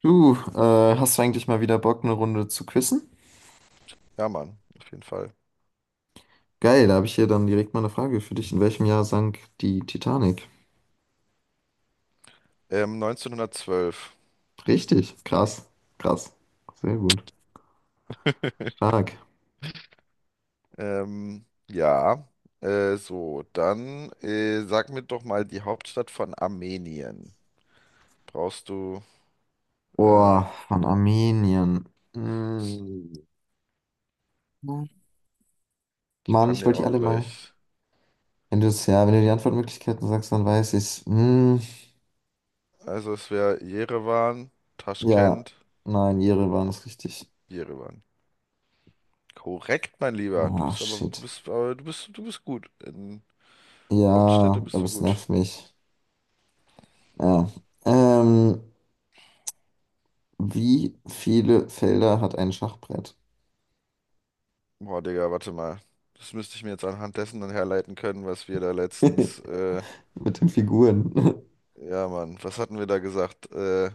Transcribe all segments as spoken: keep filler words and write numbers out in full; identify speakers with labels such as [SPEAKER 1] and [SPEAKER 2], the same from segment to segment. [SPEAKER 1] Du, äh, hast du eigentlich mal wieder Bock, eine Runde zu quizzen?
[SPEAKER 2] Ja, Mann, auf jeden Fall.
[SPEAKER 1] Geil, da habe ich hier dann direkt mal eine Frage für dich. In welchem Jahr sank die Titanic?
[SPEAKER 2] Ähm, neunzehnhundertzwölf.
[SPEAKER 1] Richtig, krass, krass. Sehr gut. Stark.
[SPEAKER 2] Ähm, ja, äh, so, Dann äh, sag mir doch mal die Hauptstadt von Armenien. Brauchst du, äh,
[SPEAKER 1] Boah, von Armenien. Mm.
[SPEAKER 2] Ich
[SPEAKER 1] Mann,
[SPEAKER 2] kann
[SPEAKER 1] ich wollte
[SPEAKER 2] dir
[SPEAKER 1] die
[SPEAKER 2] auch
[SPEAKER 1] alle mal.
[SPEAKER 2] gleich.
[SPEAKER 1] Wenn du es, ja, wenn du die Antwortmöglichkeiten sagst, dann weiß ich's. Mm,
[SPEAKER 2] Also es wäre Jerewan,
[SPEAKER 1] ja,
[SPEAKER 2] Taschkent,
[SPEAKER 1] nein, ihre waren es richtig.
[SPEAKER 2] Jerewan. Korrekt, mein Lieber. Du
[SPEAKER 1] Ach,
[SPEAKER 2] bist aber, du
[SPEAKER 1] shit.
[SPEAKER 2] bist, aber du bist, du bist gut. In Hauptstädte
[SPEAKER 1] Ja,
[SPEAKER 2] bist
[SPEAKER 1] aber
[SPEAKER 2] du
[SPEAKER 1] es
[SPEAKER 2] gut.
[SPEAKER 1] nervt mich. Ja. Ähm, Wie viele Felder hat ein Schachbrett?
[SPEAKER 2] Boah, Digga, warte mal. Das müsste ich mir jetzt anhand dessen dann herleiten können, was wir da letztens äh,
[SPEAKER 1] Mit den Figuren.
[SPEAKER 2] ja, Mann, was hatten wir da gesagt? Äh,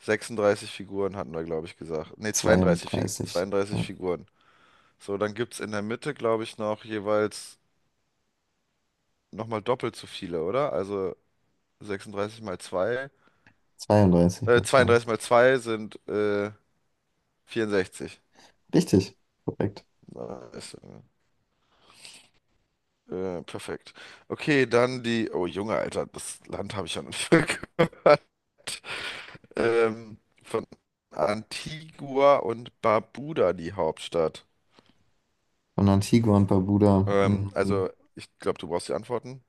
[SPEAKER 2] sechsunddreißig Figuren hatten wir, glaube ich, gesagt. Nee, zweiunddreißig, Fi-
[SPEAKER 1] Zweiunddreißig.
[SPEAKER 2] zweiunddreißig
[SPEAKER 1] Ja,
[SPEAKER 2] Figuren. So, dann gibt's in der Mitte, glaube ich, noch jeweils nochmal doppelt so viele, oder? Also sechsunddreißig mal zwei.
[SPEAKER 1] zweiunddreißig
[SPEAKER 2] äh,
[SPEAKER 1] mal zwei.
[SPEAKER 2] zweiunddreißig mal zwei sind äh, vierundsechzig.
[SPEAKER 1] Richtig, korrekt.
[SPEAKER 2] Nice. Äh, perfekt. Okay, dann die. Oh, Junge, Alter, das Land habe ich ja noch nicht gehört. Ähm, von Antigua und Barbuda die Hauptstadt.
[SPEAKER 1] Von Antigua und Barbuda.
[SPEAKER 2] Ähm,
[SPEAKER 1] Mhm.
[SPEAKER 2] also, Ich glaube, du brauchst die Antworten.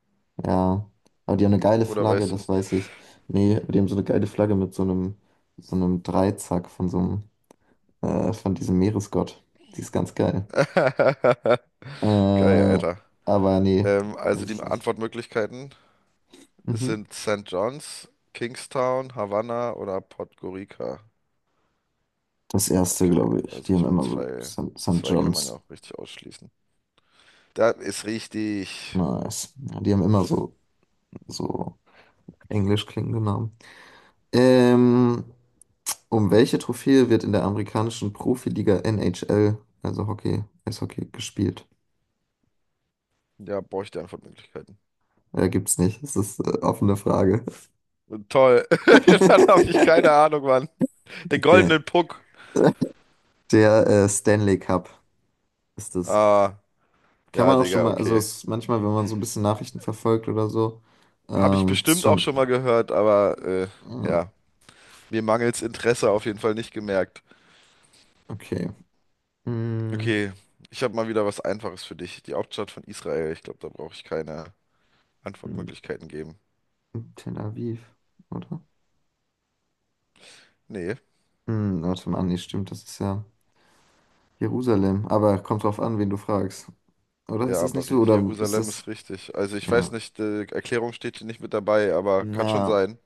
[SPEAKER 1] Ja. Aber die haben eine geile
[SPEAKER 2] Oder
[SPEAKER 1] Flagge,
[SPEAKER 2] weißt du
[SPEAKER 1] das
[SPEAKER 2] es?
[SPEAKER 1] weiß ich. Nee, aber die haben so eine geile Flagge mit so einem, so einem Dreizack von so einem, äh, von diesem Meeresgott. Die ist ganz geil.
[SPEAKER 2] Geil,
[SPEAKER 1] Äh,
[SPEAKER 2] Alter.
[SPEAKER 1] aber nee,
[SPEAKER 2] Ähm, also
[SPEAKER 1] weiß
[SPEAKER 2] die
[SPEAKER 1] ich nicht.
[SPEAKER 2] Antwortmöglichkeiten
[SPEAKER 1] Mhm.
[SPEAKER 2] sind Saint John's, Kingstown, Havanna oder Podgorica.
[SPEAKER 1] Das erste,
[SPEAKER 2] Okay,
[SPEAKER 1] glaube ich.
[SPEAKER 2] also
[SPEAKER 1] Die haben
[SPEAKER 2] ich meine,
[SPEAKER 1] immer so
[SPEAKER 2] zwei,
[SPEAKER 1] Saint
[SPEAKER 2] zwei kann man ja
[SPEAKER 1] John's.
[SPEAKER 2] auch richtig ausschließen. Da ist richtig.
[SPEAKER 1] Nice. Ja, die haben immer so, so englisch klingende Namen. Ähm, um welche Trophäe wird in der amerikanischen Profiliga N H L, also Hockey, Eishockey, gespielt?
[SPEAKER 2] Ja, brauche ich die Antwortmöglichkeiten.
[SPEAKER 1] Äh, gibt's nicht. Das ist äh, offene Frage.
[SPEAKER 2] Toll. Dann habe ich keine Ahnung, Mann. Den
[SPEAKER 1] Okay.
[SPEAKER 2] goldenen Puck.
[SPEAKER 1] Der äh, Stanley Cup ist es.
[SPEAKER 2] Ah,
[SPEAKER 1] Kann
[SPEAKER 2] ja,
[SPEAKER 1] man auch schon
[SPEAKER 2] Digga,
[SPEAKER 1] mal, also
[SPEAKER 2] okay.
[SPEAKER 1] es, manchmal, wenn man so ein bisschen Nachrichten verfolgt oder so,
[SPEAKER 2] Habe ich
[SPEAKER 1] ähm, ist
[SPEAKER 2] bestimmt auch
[SPEAKER 1] schon,
[SPEAKER 2] schon mal gehört, aber äh,
[SPEAKER 1] äh,
[SPEAKER 2] ja. Mir mangels Interesse auf jeden Fall nicht gemerkt.
[SPEAKER 1] okay. Mm,
[SPEAKER 2] Okay, ich habe mal wieder was Einfaches für dich. Die Hauptstadt von Israel. Ich glaube, da brauche ich keine
[SPEAKER 1] mm,
[SPEAKER 2] Antwortmöglichkeiten geben.
[SPEAKER 1] Tel Aviv, oder?
[SPEAKER 2] Nee,
[SPEAKER 1] Hm, warte mal, nee, stimmt, das ist ja Jerusalem. Aber kommt drauf an, wen du fragst. Oder
[SPEAKER 2] ja,
[SPEAKER 1] ist das
[SPEAKER 2] aber
[SPEAKER 1] nicht so?
[SPEAKER 2] Ri-
[SPEAKER 1] Oder ist
[SPEAKER 2] Jerusalem ist
[SPEAKER 1] das.
[SPEAKER 2] richtig. Also ich weiß
[SPEAKER 1] Ja.
[SPEAKER 2] nicht, die Erklärung steht hier nicht mit dabei, aber kann schon
[SPEAKER 1] Na.
[SPEAKER 2] sein.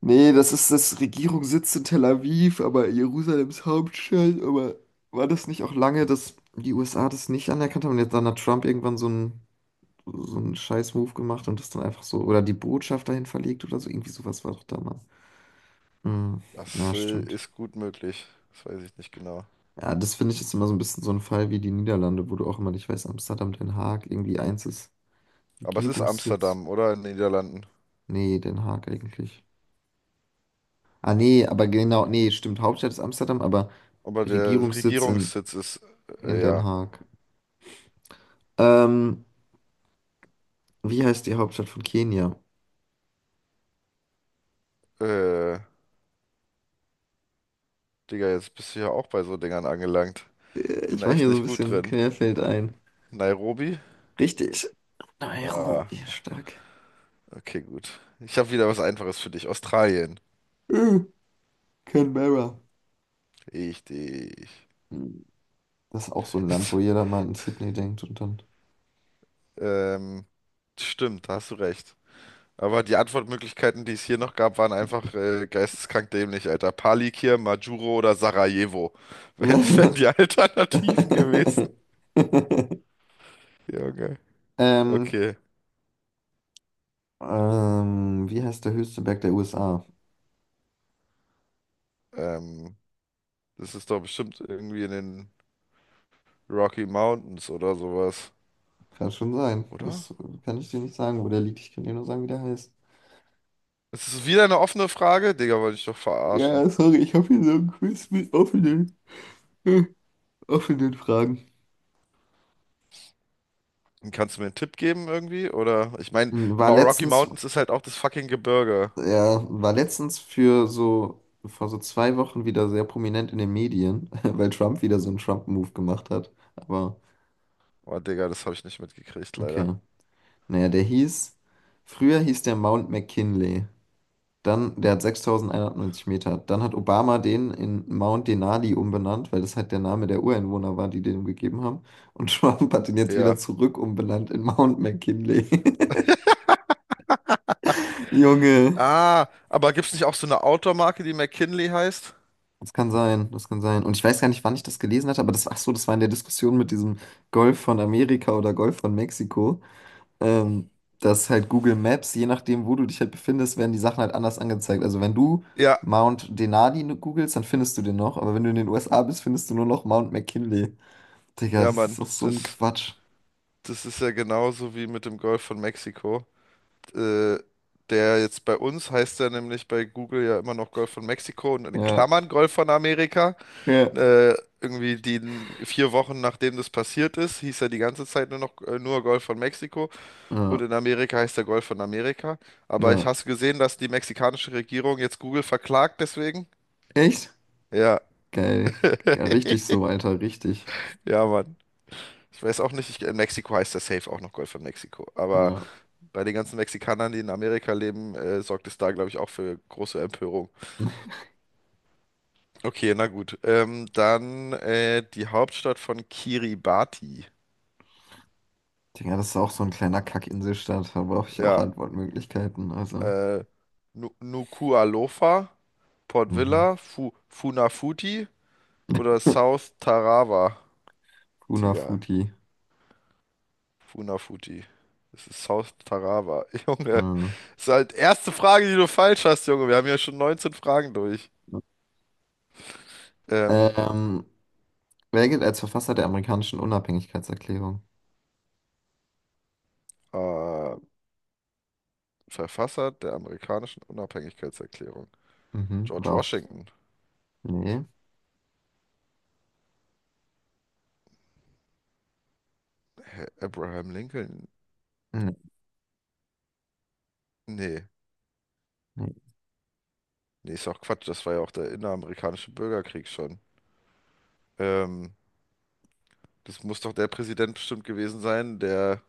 [SPEAKER 1] Nee, das ist das Regierungssitz in Tel Aviv, aber Jerusalems Hauptstadt. Aber war das nicht auch lange, dass die U S A das nicht anerkannt haben und jetzt dann hat Trump irgendwann so einen so einen Scheiß-Move gemacht und das dann einfach so. Oder die Botschaft dahin verlegt oder so. Irgendwie sowas war doch damals. Hm, ja,
[SPEAKER 2] Das äh,
[SPEAKER 1] stimmt.
[SPEAKER 2] ist gut möglich. Das weiß ich nicht genau.
[SPEAKER 1] Ja, das finde ich jetzt immer so ein bisschen so ein Fall wie die Niederlande, wo du auch immer nicht weißt, Amsterdam, Den Haag, irgendwie eins ist.
[SPEAKER 2] Aber es ist
[SPEAKER 1] Regierungssitz?
[SPEAKER 2] Amsterdam, oder? In den Niederlanden.
[SPEAKER 1] Nee, Den Haag eigentlich. Ah, nee, aber genau, nee, stimmt. Hauptstadt ist Amsterdam, aber
[SPEAKER 2] Aber der
[SPEAKER 1] Regierungssitz in,
[SPEAKER 2] Regierungssitz ist,
[SPEAKER 1] in
[SPEAKER 2] äh,
[SPEAKER 1] Den
[SPEAKER 2] ja.
[SPEAKER 1] Haag. Ähm, wie heißt die Hauptstadt von Kenia?
[SPEAKER 2] Äh, Digga, jetzt bist du ja auch bei so Dingern angelangt. Ich
[SPEAKER 1] Äh,
[SPEAKER 2] bin
[SPEAKER 1] Ich
[SPEAKER 2] da
[SPEAKER 1] mache
[SPEAKER 2] echt
[SPEAKER 1] hier so ein
[SPEAKER 2] nicht gut
[SPEAKER 1] bisschen
[SPEAKER 2] drin.
[SPEAKER 1] Querfeld ein.
[SPEAKER 2] Nairobi?
[SPEAKER 1] Richtig.
[SPEAKER 2] Ah.
[SPEAKER 1] Nairobi, stark.
[SPEAKER 2] Okay, gut. Ich habe wieder was Einfaches für dich. Australien.
[SPEAKER 1] Äh, Canberra.
[SPEAKER 2] Richtig.
[SPEAKER 1] Hm, Das ist auch so ein Land, wo jeder mal an Sydney denkt und dann.
[SPEAKER 2] Ähm, stimmt, da hast du recht. Aber die Antwortmöglichkeiten, die es hier noch gab, waren einfach äh, geisteskrank dämlich, Alter. Palikir, Majuro oder Sarajevo. Wären wären die Alternativen gewesen. Junge.
[SPEAKER 1] Ähm,
[SPEAKER 2] Okay.
[SPEAKER 1] ähm, wie heißt der höchste Berg der U S A?
[SPEAKER 2] Ähm, das ist doch bestimmt irgendwie in den Rocky Mountains oder sowas.
[SPEAKER 1] Kann schon sein.
[SPEAKER 2] Oder?
[SPEAKER 1] Das kann ich dir nicht sagen, wo der liegt. Ich kann dir nur sagen, wie der heißt.
[SPEAKER 2] Es ist wieder eine offene Frage? Digga, wollte ich doch verarschen.
[SPEAKER 1] Ja, sorry, ich habe hier so ein Quiz mit offenen, offenen Fragen.
[SPEAKER 2] Kannst du mir einen Tipp geben irgendwie? Oder ich meine,
[SPEAKER 1] Hm, War
[SPEAKER 2] Rocky
[SPEAKER 1] letztens,
[SPEAKER 2] Mountains ist halt auch das fucking Gebirge.
[SPEAKER 1] ja, war letztens für so, vor so zwei Wochen wieder sehr prominent in den Medien, weil Trump wieder so einen Trump-Move gemacht hat. Aber
[SPEAKER 2] Oh, Digga, das habe ich nicht mitgekriegt,
[SPEAKER 1] okay.
[SPEAKER 2] leider.
[SPEAKER 1] Naja, der hieß, früher hieß der Mount McKinley. Dann, der hat sechstausendeinhundertneunzig Meter. Dann hat Obama den in Mount Denali umbenannt, weil das halt der Name der Ureinwohner war, die den ihm gegeben haben. Und Trump hat den jetzt wieder
[SPEAKER 2] Ja.
[SPEAKER 1] zurück umbenannt in Mount McKinley. Junge,
[SPEAKER 2] Ah, aber gibt's nicht auch so eine Outdoor-Marke, die McKinley heißt?
[SPEAKER 1] das kann sein, das kann sein. Und ich weiß gar nicht, wann ich das gelesen hatte, aber das, ach so, das war in der Diskussion mit diesem Golf von Amerika oder Golf von Mexiko. ähm, dass halt Google Maps, je nachdem, wo du dich halt befindest, werden die Sachen halt anders angezeigt. Also wenn du
[SPEAKER 2] Ja,
[SPEAKER 1] Mount Denali ne, googelst, dann findest du den noch, aber wenn du in den U S A bist, findest du nur noch Mount McKinley. Digga,
[SPEAKER 2] ja,
[SPEAKER 1] das ist
[SPEAKER 2] Mann.
[SPEAKER 1] doch so ein
[SPEAKER 2] Das,
[SPEAKER 1] Quatsch.
[SPEAKER 2] das ist ja genauso wie mit dem Golf von Mexiko. Äh, Der jetzt bei uns heißt ja nämlich bei Google ja immer noch Golf von Mexiko und in den
[SPEAKER 1] Ja,
[SPEAKER 2] Klammern Golf von Amerika.
[SPEAKER 1] ja,
[SPEAKER 2] Äh, irgendwie die n- vier Wochen nachdem das passiert ist, hieß er die ganze Zeit nur noch äh, nur Golf von Mexiko. Und
[SPEAKER 1] ja,
[SPEAKER 2] in Amerika heißt der Golf von Amerika. Aber ich
[SPEAKER 1] ja.
[SPEAKER 2] hast du gesehen, dass die mexikanische Regierung jetzt Google verklagt deswegen?
[SPEAKER 1] Echt?
[SPEAKER 2] Ja,
[SPEAKER 1] Geil. Ja, richtig so, Alter, richtig.
[SPEAKER 2] ja, Mann. Ich weiß auch nicht, ich, in Mexiko heißt der Safe auch noch Golf von Mexiko. Aber
[SPEAKER 1] Ja.
[SPEAKER 2] bei den ganzen Mexikanern, die in Amerika leben, äh, sorgt es da, glaube ich, auch für große Empörung. Okay, na gut. Ähm, dann äh, Die Hauptstadt von Kiribati.
[SPEAKER 1] Digga, das ist auch so ein kleiner Kack-Inselstaat, da brauche ich auch
[SPEAKER 2] Ja,
[SPEAKER 1] Antwortmöglichkeiten, also.
[SPEAKER 2] äh, Nu- Nuku'alofa, Port
[SPEAKER 1] Mhm.
[SPEAKER 2] Vila, Fu Funafuti oder South Tarawa. Digga,
[SPEAKER 1] Funafuti.
[SPEAKER 2] Funafuti. Das ist South Tarawa. Junge,
[SPEAKER 1] Mhm.
[SPEAKER 2] das ist halt erste Frage, die du falsch hast, Junge. Wir haben ja schon neunzehn Fragen durch. Ähm,
[SPEAKER 1] Ähm, Wer gilt als Verfasser der amerikanischen Unabhängigkeitserklärung?
[SPEAKER 2] äh, Verfasser der amerikanischen Unabhängigkeitserklärung.
[SPEAKER 1] Mhm,
[SPEAKER 2] George
[SPEAKER 1] war auch.
[SPEAKER 2] Washington.
[SPEAKER 1] Nee.
[SPEAKER 2] Abraham Lincoln.
[SPEAKER 1] Nee.
[SPEAKER 2] Nee,
[SPEAKER 1] nee.
[SPEAKER 2] nee, ist auch Quatsch. Das war ja auch der inneramerikanische Bürgerkrieg schon. Ähm, das muss doch der Präsident bestimmt gewesen sein, der,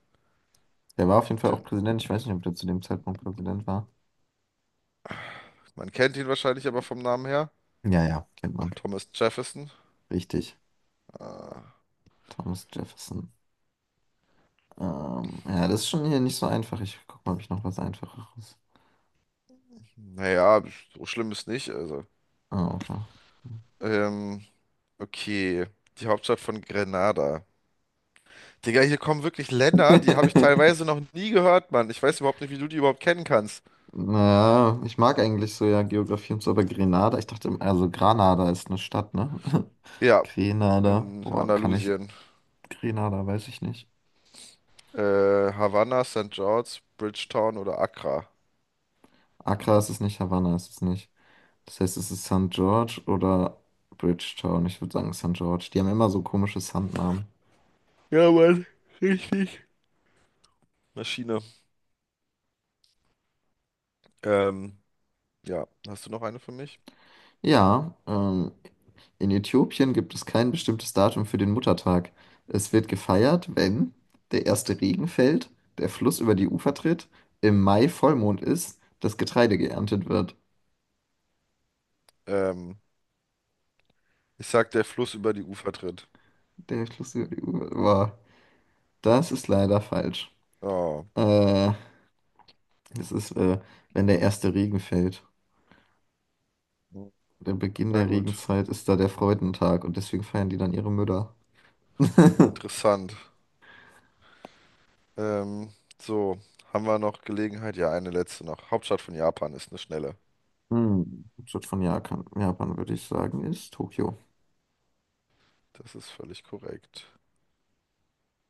[SPEAKER 1] Der war auf jeden Fall auch
[SPEAKER 2] den,
[SPEAKER 1] Präsident. Ich weiß nicht, ob der zu dem Zeitpunkt Präsident war.
[SPEAKER 2] man kennt ihn wahrscheinlich aber vom Namen her.
[SPEAKER 1] Ja, ja, kennt man.
[SPEAKER 2] Thomas Jefferson.
[SPEAKER 1] Richtig.
[SPEAKER 2] Ah,
[SPEAKER 1] Thomas Jefferson. Ähm, ja, das ist schon hier nicht so einfach. Ich guck mal, ob ich noch was Einfacheres.
[SPEAKER 2] naja, so schlimm ist nicht. Also.
[SPEAKER 1] Ah, okay.
[SPEAKER 2] Ähm, okay. Die Hauptstadt von Grenada. Digga, hier kommen wirklich Länder, die habe ich teilweise noch nie gehört, Mann. Ich weiß überhaupt nicht, wie du die überhaupt kennen kannst.
[SPEAKER 1] Naja, ich mag eigentlich so ja Geografie und so, aber Grenada, ich dachte, also Granada ist eine Stadt, ne?
[SPEAKER 2] Ja,
[SPEAKER 1] Grenada,
[SPEAKER 2] in
[SPEAKER 1] boah, kann ich,
[SPEAKER 2] Andalusien.
[SPEAKER 1] Grenada, weiß ich nicht.
[SPEAKER 2] Äh, Havanna, Saint George, Bridgetown oder Accra.
[SPEAKER 1] Accra ist es nicht, Havanna ist es nicht. Das heißt, es ist Saint George oder Bridgetown. Ich würde sagen Saint George. Die haben immer so komische Sandnamen.
[SPEAKER 2] Ja, Mann, richtig. Maschine. Ähm, ja, hast du noch eine für mich?
[SPEAKER 1] Ja, ähm, in Äthiopien gibt es kein bestimmtes Datum für den Muttertag. Es wird gefeiert, wenn der erste Regen fällt, der Fluss über die Ufer tritt, im Mai Vollmond ist, das Getreide geerntet wird.
[SPEAKER 2] Ähm, ich sag, der Fluss über die Ufer tritt.
[SPEAKER 1] Der Fluss über die Ufer. Boah, das ist leider falsch.
[SPEAKER 2] Oh,
[SPEAKER 1] Äh, Es ist, äh, wenn der erste Regen fällt. Der Beginn
[SPEAKER 2] na
[SPEAKER 1] der
[SPEAKER 2] gut.
[SPEAKER 1] Regenzeit ist da der Freudentag und deswegen feiern die dann ihre Mütter.
[SPEAKER 2] Interessant. Ähm, so, haben wir noch Gelegenheit? Ja, eine letzte noch. Hauptstadt von Japan ist eine schnelle.
[SPEAKER 1] Hm, Hauptstadt von Japan, Japan würde ich sagen, ist Tokio.
[SPEAKER 2] Das ist völlig korrekt.